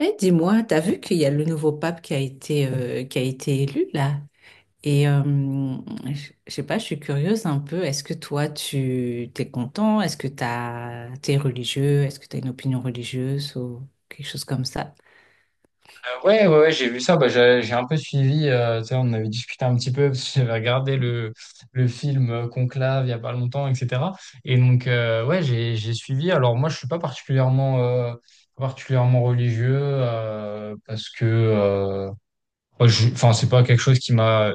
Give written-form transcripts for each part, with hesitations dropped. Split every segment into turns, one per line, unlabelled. Eh, dis-moi, t'as vu qu'il y a le nouveau pape qui a été élu là? Et euh, je sais pas, je suis curieuse un peu. Est-ce que toi, tu t'es content? Est-ce que t'es religieux? Est-ce que t'as une opinion religieuse ou quelque chose comme ça?
Ouais, ouais, ouais, j'ai vu ça. Bah, j'ai un peu suivi. Tu sais, on avait discuté un petit peu parce que j'avais regardé le film Conclave il y a pas longtemps, etc. Et donc, ouais, j'ai suivi. Alors, moi, je suis pas particulièrement, particulièrement religieux, parce que, moi, enfin, c'est pas quelque chose qui m'a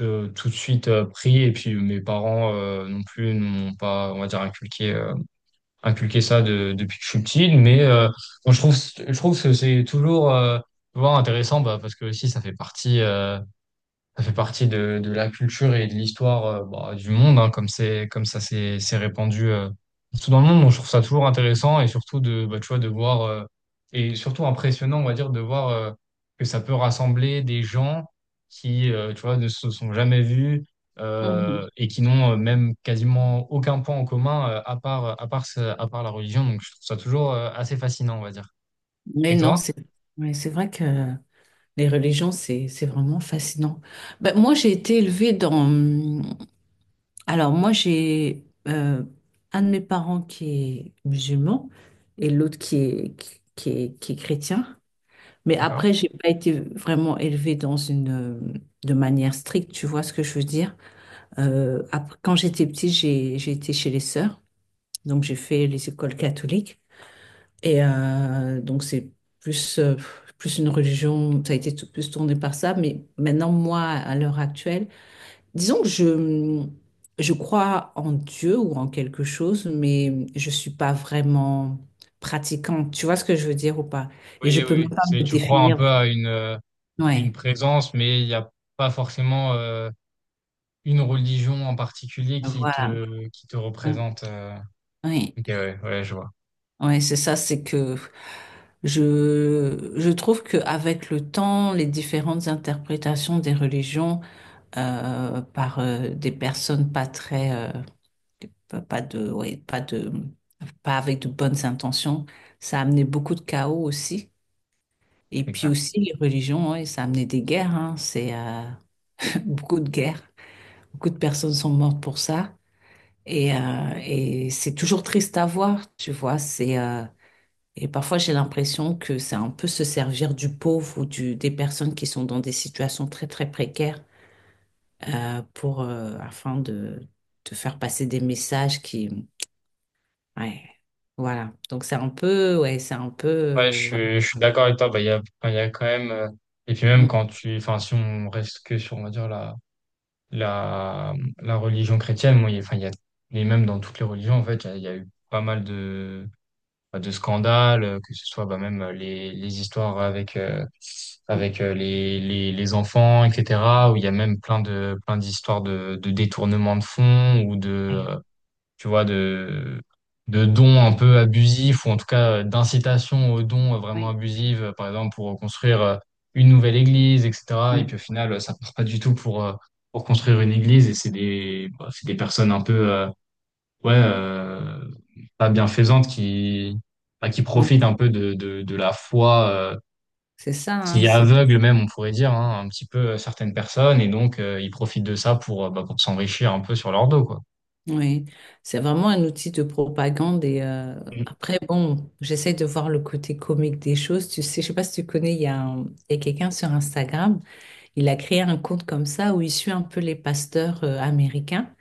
tout de suite pris. Et puis, mes parents non plus n'ont pas, on va dire, inculqué ça depuis que je suis petit, mais bon, je trouve que c'est toujours tu intéressant, bah, parce que aussi ça fait partie. Ça fait partie de la culture et de l'histoire, bah, du monde, hein, comme c'est comme ça c'est répandu partout dans le monde. Donc, je trouve ça toujours intéressant et surtout de bah, tu vois de voir, et surtout impressionnant, on va dire, de voir, que ça peut rassembler des gens qui, tu vois, ne se sont jamais vus,
Mhm.
et qui n'ont, même quasiment aucun point en commun, à part la religion. Donc je trouve ça toujours assez fascinant, on va dire.
Mais
Et
non,
toi?
c'est mais c'est vrai que les religions, c'est vraiment fascinant. Ben, moi, j'ai été élevée dans, Alors moi j'ai un de mes parents qui est musulman et l'autre qui est chrétien. Mais
D'accord?
après, j'ai pas été vraiment élevée dans une de manière stricte, tu vois ce que je veux dire. Après, quand j'étais petite, j'ai été chez les sœurs, donc j'ai fait les écoles catholiques et donc c'est plus euh, plus une religion, ça a été plus tourné par ça. Mais maintenant, moi, à l'heure actuelle, disons que je crois en Dieu ou en quelque chose, mais je suis pas vraiment pratiquante. Tu vois ce que je veux dire ou pas? Et je
Oui, oui,
peux même
oui.
pas
C'est
me
tu crois un
définir.
peu à une
Ouais,
présence, mais il n'y a pas forcément une religion en particulier qui
voilà.
te, qui te
Ouais,
représente.
ouais.
Ok, ouais, ouais, je vois,
Ouais, c'est ça, c'est que je trouve qu'avec le temps, les différentes interprétations des religions par des personnes pas très... pas de, ouais, pas de, pas avec de bonnes intentions. Ça a amené beaucoup de chaos aussi. Et
c'est
puis
clair.
aussi, les religions, ouais, ça a amené des guerres, hein. C'est beaucoup de guerres. Beaucoup de personnes sont mortes pour ça. Et c'est toujours triste à voir, tu vois. Et parfois, j'ai l'impression que c'est un peu se servir du pauvre ou des personnes qui sont dans des situations très, très précaires, afin de faire passer des messages Ouais, voilà. Donc c'est un peu, ouais, c'est un peu,
Ouais, je
voilà.
suis, je suis d'accord avec toi. Bah, il y a, enfin, il y a quand même, et puis même
Mm.
quand tu, enfin, si on reste que sur, on va dire, la religion chrétienne, moi, enfin, il y a, et même dans toutes les religions, en fait, il y a eu pas mal de, bah, de scandales, que ce soit bah, même les histoires avec, les enfants, etc., où il y a même plein de, plein d'histoires de détournement de fonds ou de,
Ouais,
tu vois, de dons un peu abusifs ou en tout cas d'incitation aux dons vraiment
ouais,
abusives, par exemple pour construire une nouvelle église, etc. Et
ouais,
puis au final, ça part pas du tout pour construire une église et c'est des, bah, c'est des personnes un peu... ouais, pas bienfaisante qui, bah, qui
ouais.
profite un peu de, de la foi,
C'est ça, hein,
qui aveugle même, on pourrait dire, hein, un petit peu, certaines personnes, et donc ils profitent de ça pour, bah, pour s'enrichir un peu sur leur dos, quoi.
ouais. C'est vraiment un outil de propagande.
Mm.
Après, bon, j'essaie de voir le côté comique des choses. Tu sais, je sais pas si tu connais, il y a quelqu'un sur Instagram, il a créé un compte comme ça où il suit un peu les pasteurs américains.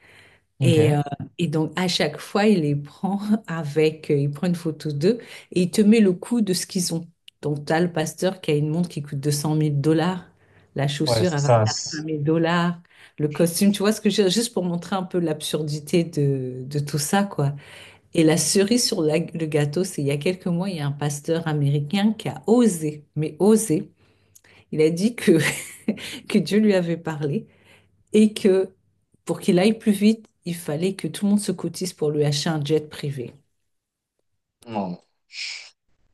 Ok.
Et, euh, et donc, à chaque fois, il les prend il prend une photo d'eux et il te met le coût de ce qu'ils ont. Donc, tu as le pasteur qui a une montre qui coûte 200 000 dollars. La
Ouais,
chaussure,
c'est
elle va
ça.
faire 1 000 dollars. Le costume, tu vois ce que je veux dire? Juste pour montrer un peu l'absurdité de tout ça, quoi. Et la cerise sur le gâteau, c'est il y a quelques mois, il y a un pasteur américain qui a osé, mais osé. Il a dit que, que Dieu lui avait parlé et que pour qu'il aille plus vite, il fallait que tout le monde se cotise pour lui acheter un jet privé.
Non.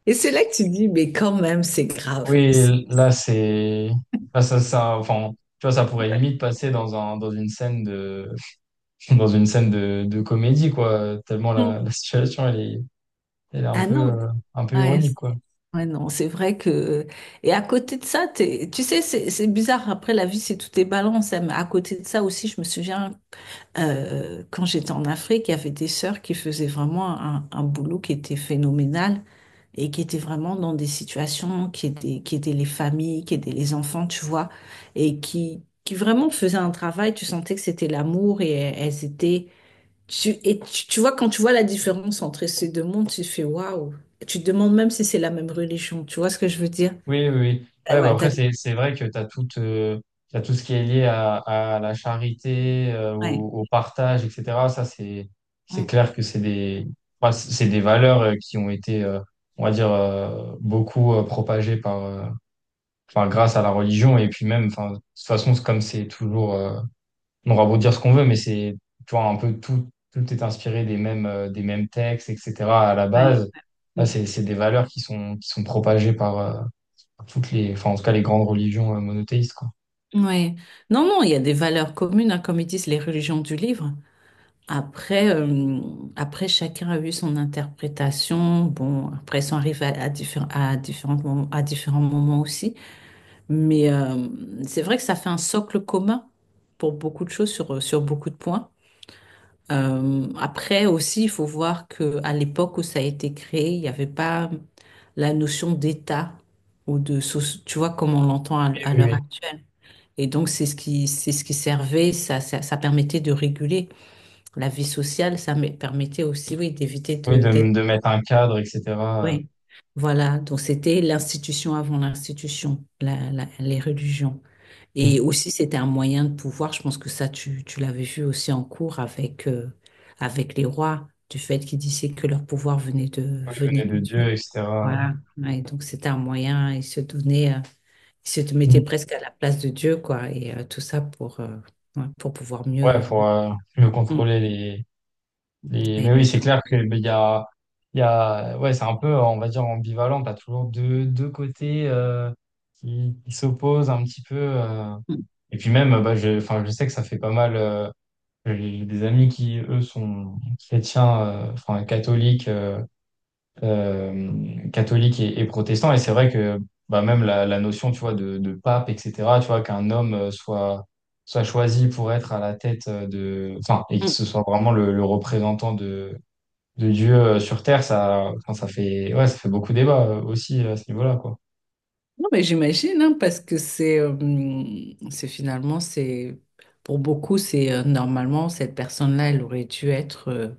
Et c'est là que tu te dis, mais quand même, c'est grave. C'est-
Oui, là, c'est. Là, ça, enfin, tu vois, ça pourrait limite passer dans un, dans une scène de, dans une scène de comédie, quoi, tellement la situation, elle est
Ah non,
un peu
ouais,
ironique, quoi.
ouais, non, c'est vrai que... Et à côté de ça, tu sais, c'est bizarre, après la vie, c'est tout est balance, hein, mais à côté de ça aussi, je me souviens, quand j'étais en Afrique, il y avait des sœurs qui faisaient vraiment un boulot qui était phénoménal, et qui étaient vraiment dans des situations qui étaient les familles, qui étaient les enfants, tu vois, qui vraiment faisaient un travail, tu sentais que c'était l'amour et elles étaient... tu vois, quand tu vois la différence entre ces deux mondes, tu fais waouh. Tu te demandes même si c'est la même religion, tu vois ce que je veux dire?
Oui, oui, oui.
Ah
Ouais, bah
ouais,
après, c'est vrai que tu as tout, t'as tout ce qui est lié à la charité,
ouais.
au partage, etc. Ça, c'est
Mm,
clair que c'est des, enfin, c'est des valeurs, qui ont été, on va dire, beaucoup propagées par, enfin, grâce à la religion. Et puis même, enfin, de toute façon, c'est comme c'est toujours, on aura beau dire ce qu'on veut, mais c'est, tu vois, un peu tout, tout est inspiré des mêmes, des mêmes textes, etc. à la
ouais.
base. Là, c'est des valeurs qui sont propagées par, toutes les, enfin, en tout cas, les grandes religions, monothéistes, quoi.
Mm, ouais. Non, non, il y a des valeurs communes, hein, comme ils disent, les religions du livre. Après, euh, après, chacun a eu son interprétation. Bon, après, ça arrive à à différents moments aussi. Mais euh, c'est vrai que ça fait un socle commun pour beaucoup de choses, sur, sur beaucoup de points. Après aussi, il faut voir que à l'époque où ça a été créé, il n'y avait pas la notion d'État ou de, tu vois, comme on l'entend
Oui,
à
oui,
l'heure
oui.
actuelle. Et donc, c'est ce qui servait, ça permettait de réguler la vie sociale, ça me permettait aussi, oui, d'éviter
Oui,
de,
de,
d'être.
de mettre un cadre, etc. euh,
Oui. Voilà. Donc, c'était l'institution avant l'institution, les religions. Et
Mm.
aussi, c'était un moyen de pouvoir. Je pense que ça, tu l'avais vu aussi en cours avec les rois, du fait qu'ils disaient que leur pouvoir
Qui
venait
venait
de
de
Dieu.
Dieu, etc.
Voilà. Ouais, donc, c'était un moyen. Ils se
Mm.
mettaient presque à la place de Dieu, quoi. Tout ça pour ouais, pour pouvoir
Ouais,
mieux
pour mieux
euh,
contrôler les...
aider
Mais
les
oui, c'est
gens.
clair que ben, il y a... Ouais, c'est un peu, on va dire, ambivalent. T'as toujours deux côtés, qui s'opposent un petit peu. Et puis même, bah, je, enfin, je sais que ça fait pas mal... J'ai des amis qui, eux, sont chrétiens, enfin, catholiques, catholique et protestant. Et c'est vrai que bah, même la notion, tu vois, de pape, etc., tu vois, qu'un homme, soit choisi pour être à la tête, de... Enfin, et que
Mm.
ce soit vraiment le représentant de Dieu, sur Terre, ça, enfin, ça fait, ouais, ça fait beaucoup débat, aussi à ce niveau-là, quoi.
Non, mais j'imagine, hein, parce que c'est finalement, c'est pour beaucoup, c'est normalement, cette personne-là, elle aurait dû être,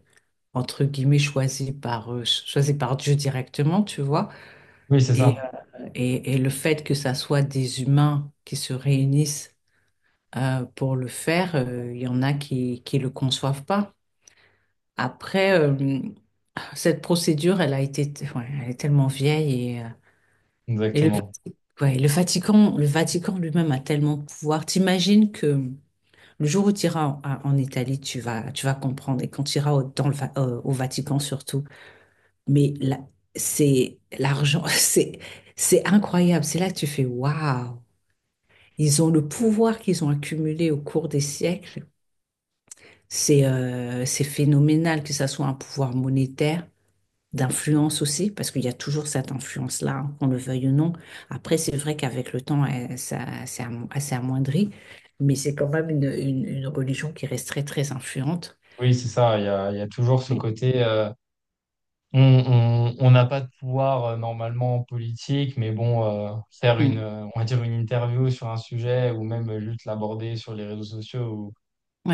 entre guillemets, choisie par Dieu directement, tu vois.
Oui, c'est
Et,
ça,
euh, et et, le fait que ça soit des humains qui se réunissent pour le faire, il y en a qui le conçoivent pas. Après, euh, Cette procédure, elle a été, ouais, elle est tellement vieille . Et le
exactement.
Ouais, le Vatican lui-même a tellement de pouvoir. T'imagines que le jour où tu iras en, en Italie, tu vas comprendre. Et quand tu iras au, dans le, Va- au Vatican surtout, mais là, c'est l'argent, c'est incroyable. C'est là que tu fais waouh. Ils ont le pouvoir qu'ils ont accumulé au cours des siècles. C'est phénoménal, que ça soit un pouvoir monétaire d'influence aussi, parce qu'il y a toujours cette influence-là, hein, qu'on le veuille ou non. Après, c'est vrai qu'avec le temps, elle s'est amoindri, mais c'est quand même une religion qui reste très, très influente.
Oui, c'est ça, il y a toujours ce
Oui.
côté... On n'a pas de pouvoir, normalement en politique, mais bon, faire une,
Mm.
on va dire une interview sur un sujet ou même juste l'aborder sur les réseaux sociaux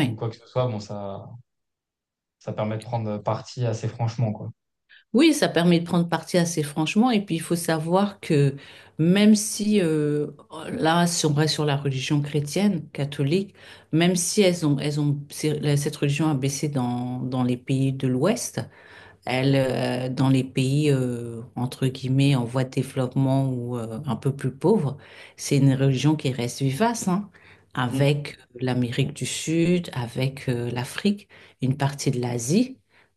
ou quoi que ce soit, bon, ça permet de prendre parti assez franchement, quoi.
Oui, ça permet de prendre parti assez franchement. Et puis, il faut savoir que même si, là, si on reste sur la religion chrétienne, catholique, même si elles ont, elles ont, c'est- cette religion a baissé dans, dans les pays de l'Ouest. Dans les pays, entre guillemets, en voie de développement ou un peu plus pauvres, c'est une religion qui reste vivace, hein,
Mm.
avec l'Amérique du Sud, avec l'Afrique, une partie de l'Asie.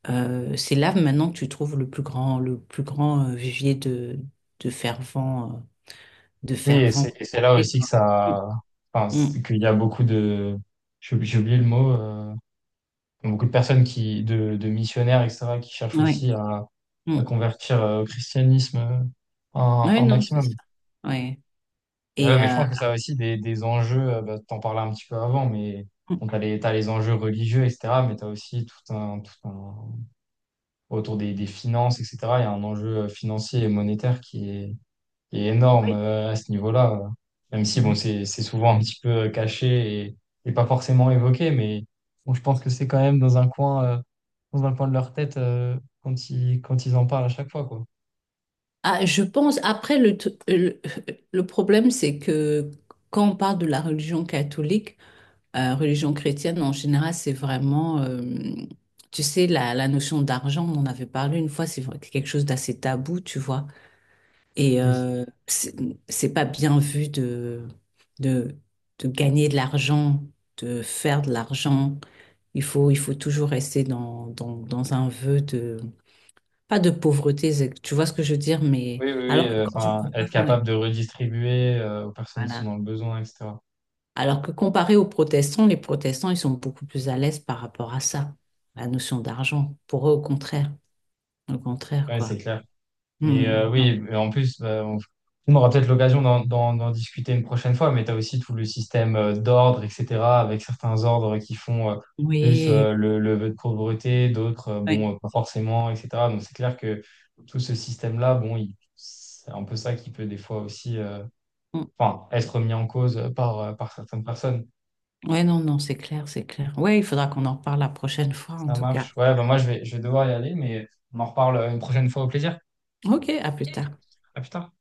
C'est là maintenant que tu trouves le plus grand vivier de, de fervents, euh, de
Oui, et
fervents,
c'est là
contactés,
aussi que
quoi.
ça, enfin,
Mm,
qu'il y a beaucoup de, j'ai oublié le mot, beaucoup de personnes qui, de missionnaires, etc., qui cherchent
mm,
aussi
ouais,
à
mm.
convertir, au christianisme, un
Ouais,
un
non, c'est
maximum.
ça. Ouais.
Ouais,
Et
mais je
euh,
pense que ça a aussi des enjeux, bah, t'en parlais un petit peu avant, mais bon,
mm,
t'as les enjeux religieux, etc., mais t'as aussi tout un, autour des finances, etc., il y a un enjeu, financier et monétaire qui est énorme, à ce niveau-là, Même si, bon,
ouais.
c'est souvent un petit peu, caché et pas forcément évoqué, mais bon, je pense que c'est quand même dans un coin de leur tête, quand ils en parlent à chaque fois, quoi.
Ah, je pense, après, le problème, c'est que quand on parle de la religion catholique, religion chrétienne en général, c'est vraiment, tu sais, la notion d'argent, on en avait parlé une fois, c'est vrai que c'est quelque chose d'assez tabou, tu vois. Et
Oui.
euh, c'est pas bien vu de, de gagner de l'argent, de faire de l'argent. Il faut toujours rester dans, dans, dans un vœu pas de pauvreté, tu vois ce que je veux dire, mais
Oui, oui, oui,
alors que quand tu
enfin, être
compares, ouais,
capable de redistribuer, aux personnes qui sont
voilà.
dans le besoin, etc.
Alors que comparé aux protestants, les protestants, ils sont beaucoup plus à l'aise par rapport à ça, la notion d'argent. Pour eux, au contraire,
Ouais, c'est
quoi.
clair. Mais
Hmm, non.
oui, mais en plus, on aura peut-être l'occasion d'en discuter une prochaine fois, mais tu as aussi tout le système, d'ordre, etc., avec certains ordres qui font, plus,
Oui,
le vœu de pauvreté, d'autres,
ouais.
bon, pas forcément, etc. Donc c'est clair que tout ce système-là, bon, c'est un peu ça qui peut des fois aussi,
Hmm.
enfin, être mis en cause par certaines personnes.
Ouais, non, non, c'est clair, c'est clair. Ouais, il faudra qu'on en parle la prochaine fois, en
Ça
tout cas.
marche. Ouais, bah moi, je vais devoir y aller, mais on en reparle, une prochaine fois. Au plaisir.
Ok, à plus tard.
À plus tard.